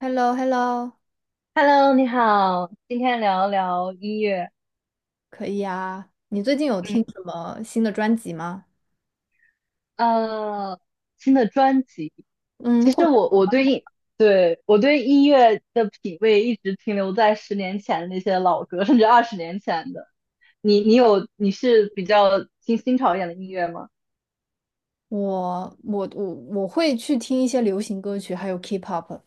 h e l l o h e l l o Hello，你好，今天聊聊音乐，可以啊。你最近有听嗯，什么新的专辑吗？呃，新的专辑。嗯，其或实者我我对音，对，我对音乐的品味一直停留在十年前的那些老歌，甚至二十年前的。你是比较听新潮一点的音乐吗？我会去听一些流行歌曲，还有 K-pop。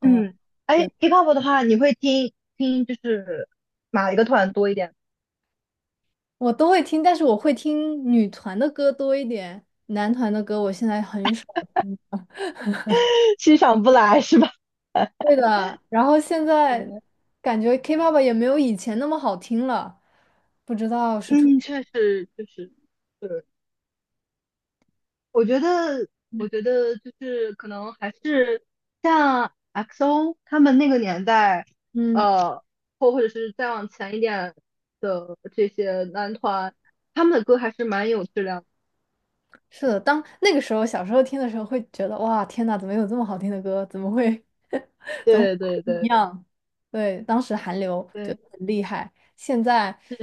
哦，嗯，哎对，，K-pop 的话，你会听听就是哪一个团多一点？我都会听，但是我会听女团的歌多一点，男团的歌我现在很少听。欣赏不来是吧？对 的，然后现在对感觉 K-pop 也没有以前那么好听了，不知道是出。嗯，确实，确实。我觉得，我觉得就是可能还是像 XO 他们那个年代，嗯，呃，或者是再往前一点的这些男团，他们的歌还是蛮有质量的。是的，当那个时候小时候听的时候，会觉得哇，天呐，怎么有这么好听的歌？怎么会？对对一对，样，对，当时韩流就对，很厉害，现在是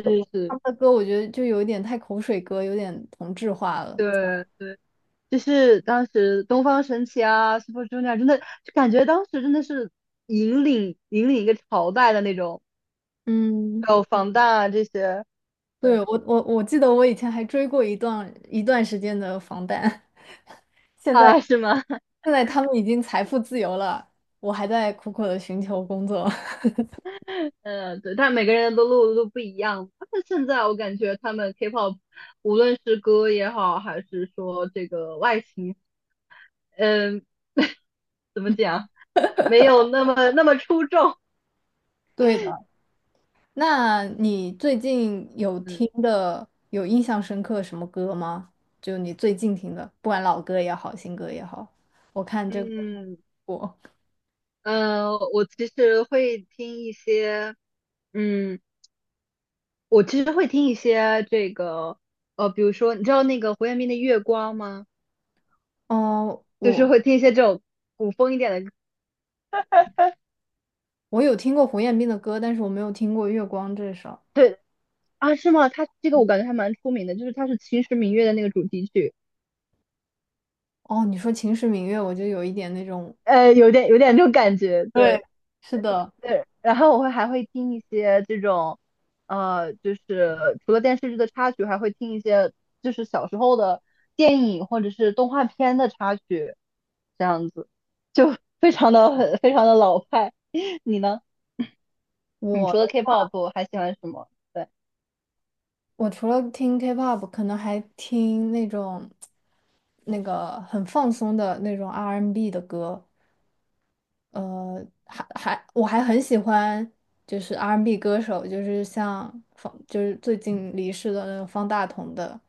他是，们的歌我觉得就有一点太口水歌，有点同质化了。对对，就是当时东方神起啊，Super Junior 真的就感觉当时真的是引领一个朝代的那种，嗯，还有防弹啊这些，对，对我记得我以前还追过一段时间的防弹，现在啊，是吗？现在他们已经财富自由了，我还在苦苦的寻求工作。对，但每个人的路都不一样。但是现在我感觉他们 K-pop，无论是歌也好，还是说这个外形，嗯、怎么讲，没有那么出众。对的。那你最近有嗯听的、有印象深刻什么歌吗？就你最近听的，不管老歌也好，新歌也好，我看这个嗯，我，呃，我其实会听一些，嗯，我其实会听一些这个，比如说，你知道那个胡彦斌的《月光》吗？嗯，就是我会听一些这种古风一点的。我有听过胡彦斌的歌，但是我没有听过《月光》这首。对啊，是吗？他这个我感觉还蛮出名的，就是他是《秦时明月》的那个主题曲。哦，你说《秦时明月》，我就有一点那种，有点这种感觉，对对，是的，对。然后我还会听一些这种，就是除了电视剧的插曲，还会听一些就是小时候的电影或者是动画片的插曲，这样子就 非常的老派。你呢？你除了 我 K-pop 还喜欢什么？对我除了听 K-pop，可能还听那种那个很放松的那种 R&B n 的歌。还我还很喜欢就是 R&B 歌手，就是像方就是最近离世的那个方大同的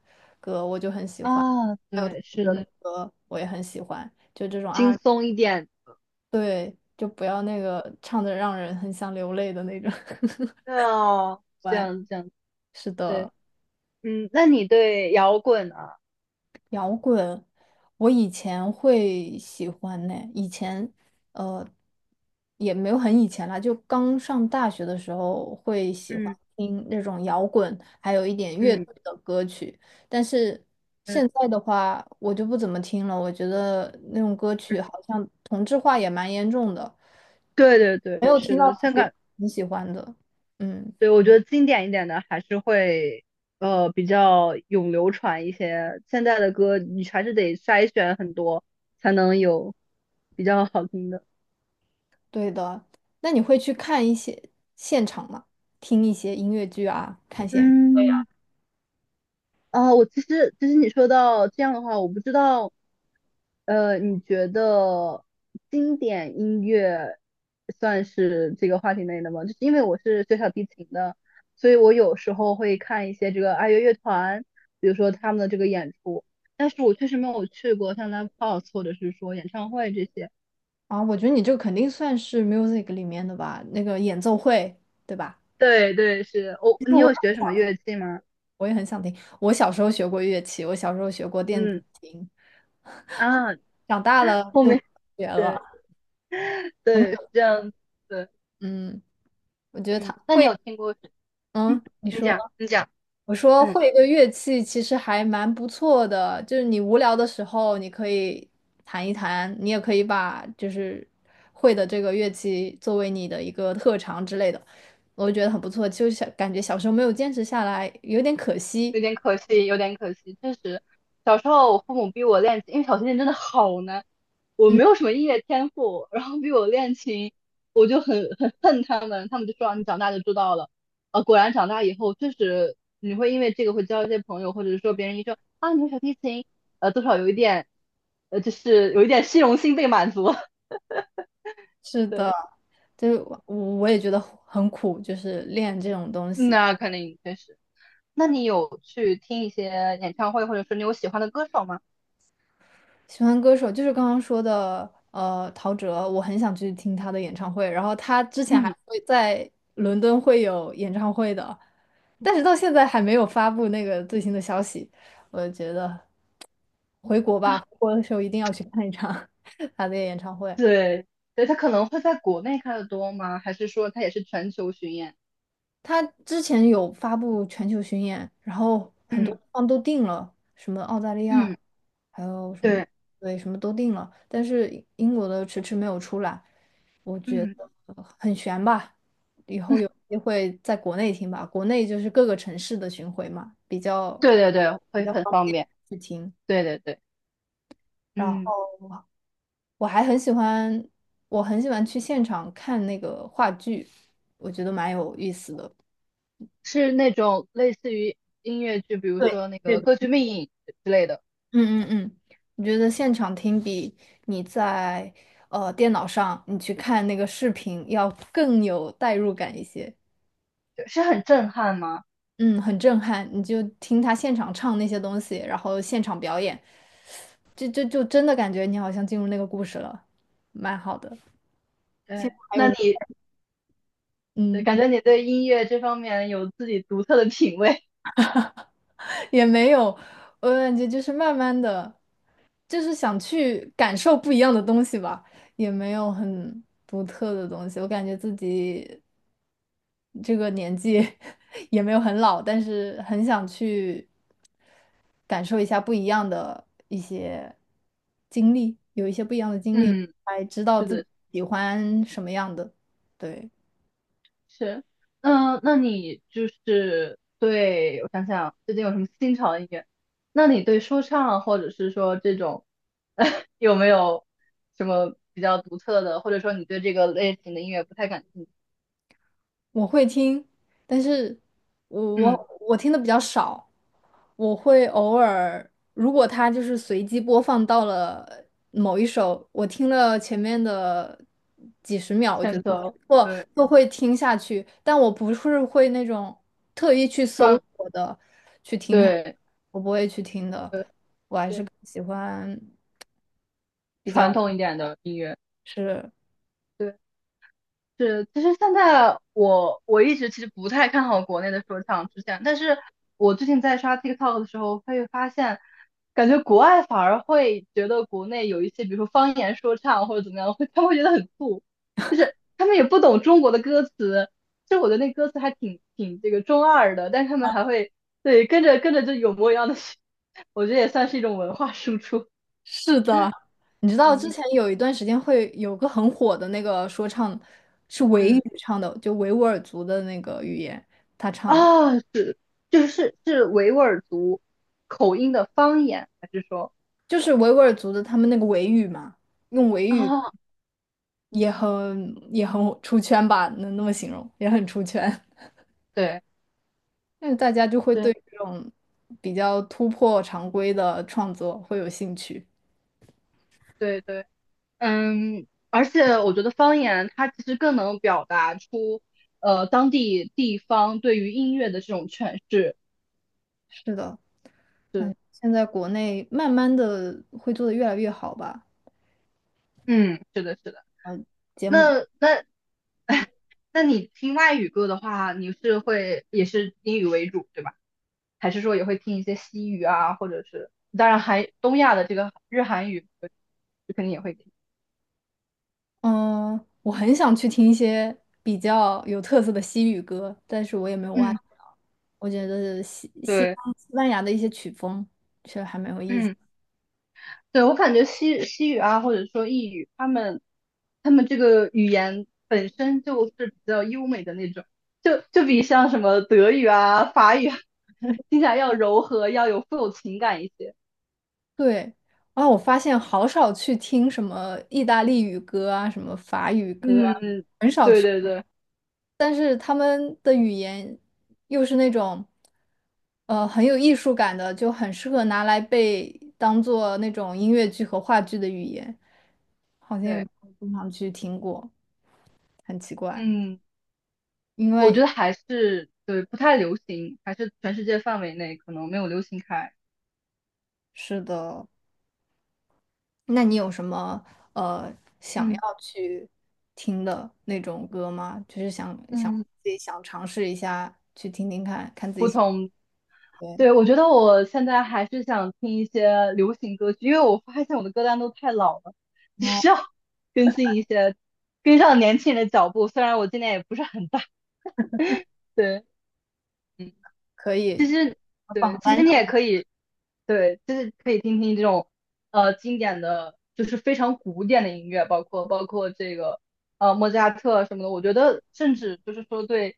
歌，我就很喜欢，啊，还有陶对，喆是的的，歌我也很喜欢，就这种 轻 R，松一点。对，就不要那个唱的让人很想流泪的那种。对哦，这完，样这样，是对，的。那你对摇滚啊？摇滚，我以前会喜欢呢。以前，呃，也没有很以前了，就刚上大学的时候会喜欢嗯听那种摇滚，还有一点乐嗯队的歌曲。但是现嗯在的话，我就不怎么听了。我觉得那种歌曲嗯。好像同质化也蛮严重的，对对没对，有听是到的，自香己港，很喜欢的。嗯，对，我觉得经典一点的还是会，比较永流传一些。现在的歌你还是得筛选很多，才能有比较好听的。对的。那你会去看一些现场吗？听一些音乐剧啊，看些。嗯。啊，我其实你说到这样的话，我不知道，你觉得经典音乐算是这个话题内的吗？就是因为我是学小提琴的，所以我有时候会看一些这个爱乐乐团，比如说他们的这个演出，但是我确实没有去过像 live house 或者是说演唱会这些。啊，我觉得你这个肯定算是 music 里面的吧，那个演奏会，对吧？对对，是我、其实你我有学什么乐器吗？我也很想听，我小时候学过乐器，我小时候学过电子嗯琴，啊，长大了后就不面学了。对对是这样子，嗯，我觉得他嗯，那你会，有听过？嗯，你你说，讲，你讲，我说嗯，会一个乐器其实还蛮不错的，就是你无聊的时候你可以弹一弹，你也可以把就是会的这个乐器作为你的一个特长之类的。我就觉得很不错，就是感觉小时候没有坚持下来，有点可惜。有点可惜，有点可惜。确实，小时候我父母逼我练琴，因为小提琴真的好难，我嗯，没有什么音乐天赋，然后逼我练琴，我就很恨他们。他们就说啊你长大就知道了。果然长大以后，确实你会因为这个会交一些朋友，或者是说别人一说啊你会小提琴，多少有一点，就是有一点虚荣心被满足。是的，对，就是我也觉得很苦，就是练这种东西。那肯定确实，那你有去听一些演唱会，或者说你有喜欢的歌手吗？喜欢歌手就是刚刚说的，陶喆，我很想去听他的演唱会。然后他之前还嗯。会在伦敦会有演唱会的，但是到现在还没有发布那个最新的消息。我觉得回国吧，啊，回国的时候一定要去看一场 他的演唱会。对，对，他可能会在国内开的多吗？还是说他也是全球巡演？他之前有发布全球巡演，然后很多嗯地方都定了，什么澳大利亚，嗯，还有什么，对，对，什么都定了，但是英国的迟迟没有出来，我觉得嗯很悬吧。以后嗯，有机会在国内听吧，国内就是各个城市的巡回嘛，比较对对对，比会较很方方便便。去听。对对对，然嗯，后我还很喜欢，我很喜欢去现场看那个话剧，我觉得蛮有意思的。是那种类似于音乐剧，比如对。说那个对。《歌剧魅影》之类的，嗯嗯嗯，我觉得现场听比你在电脑上你去看那个视频要更有代入感一些？就是很震撼吗？嗯，很震撼。你就听他现场唱那些东西，然后现场表演，就真的感觉你好像进入那个故事了，蛮好的。现对，在还那有，你对嗯，感觉你对音乐这方面有自己独特的品味。也没有，我感觉就是慢慢的，就是想去感受不一样的东西吧，也没有很独特的东西。我感觉自己。这个年纪 也没有很老，但是很想去感受一下不一样的一些经历，有一些不一样的 经历，嗯，才知道是自己的，喜欢什么样的。对。是，那你就是对，我想想，最近有什么新潮的音乐？那你对说唱或者是说这种，有没有什么比较独特的，或者说你对这个类型的音乐不太感兴趣？我会听，但是我嗯，我我听的比较少，我会偶尔，如果它就是随机播放到了某一首，我听了前面的几十秒，我觉选得还择，不错，对，就会听下去，但我不是会那种特意去搜传，索的去听它，对，我不会去听的，对，对，喜欢比较传统一点的音乐，是。对。是，其实现在我一直其实不太看好国内的说唱出现，但是我最近在刷 TikTok 的时候，会发现，感觉国外反而会觉得国内有一些，比如说方言说唱或者怎么样，会他们会觉得很酷，就是他们也不懂中国的歌词，就我觉得那歌词还挺这个中二的，但是他们还会对跟着跟着就有模有样的，我觉得也算是一种文化输出，是的，你知道之嗯。前有一段时间会有个很火的那个说唱，是维语嗯。唱的，就维吾尔族的那个语言，他唱的，啊，是维吾尔族口音的方言，还是说就是维吾尔族的他们那个维语嘛，用维语啊？也很出圈吧，能那么形容，也很出圈。对那大家就会对对这种比较突破常规的创作会有兴趣。对对，而且我觉得方言它其实更能表达出当地地方对于音乐的这种诠释。是的，是，现在国内慢慢的会做的越来越好吧，嗯，是的，是的。节目那 那你听外语歌的话，你是会也是英语为主，对吧？还是说也会听一些西语啊，或者是当然还东亚的这个日韩语，就肯定也会听。嗯，我很想去听一些比较有特色的西语歌，但是我也没有挖嗯，掘到。我觉得西方对，西班牙的一些曲风确实还蛮有意思。嗯，对，我感觉西语啊，或者说意语，他们这个语言本身就是比较优美的那种，就比像什么德语啊、法语啊听起来要柔和，要有富有情感一些。对，啊，我发现好少去听什么意大利语歌啊，什么法语歌啊嗯，对对对但是他们的语言又是那种，很有艺术感的，就很适合拿来被当做那种音乐剧和话剧的语言，好像也对，没有经常去听过，很奇怪。嗯，因我觉为得还是对不太流行，还是全世界范围内可能没有流行开。是的，那你有什么呃想要嗯去听的那种歌吗？就是想想嗯，自己想尝试一下去听听看，看自己喜不喜欢。对，我觉得我现在还是想听一些流行歌曲，因为我发现我的歌单都太老了，只哦，需要 更新一些，跟上年轻人的脚步。虽然我今年也不是很大，对，嗯，可其以。实对，榜其单实你上也的可以，对，就是可以听听这种经典的，就是非常古典的音乐，包括这个莫扎特什么的。我觉得甚至就是说对，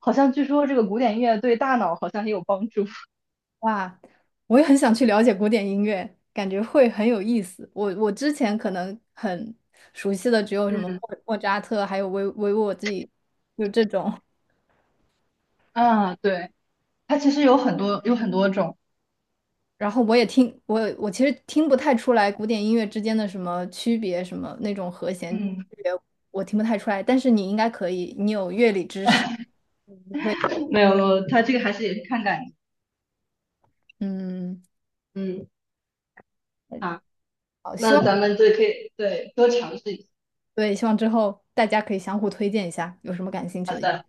好像据说这个古典音乐对大脑好像也有帮助。话，我也很想去了解古典音乐，感觉会很有意思。我之前可能很熟悉的只有什么嗯。莫扎特，还有维沃自己，就这种。啊，对，它其实有很多种，然后我也听我其实听不太出来古典音乐之间的什么区别，什么那种和弦区嗯，别，我听不太出来。但是你应该可以，你有乐理知识，会没有，它这个还是也是看感觉。嗯，嗯，好，好，希望那咱们就可以对多尝试一下。对，希望之后大家可以相互推荐一下，有什么感兴趣好的。的，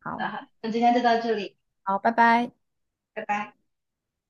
好，那好，那今天就到这里，好，拜拜。拜拜。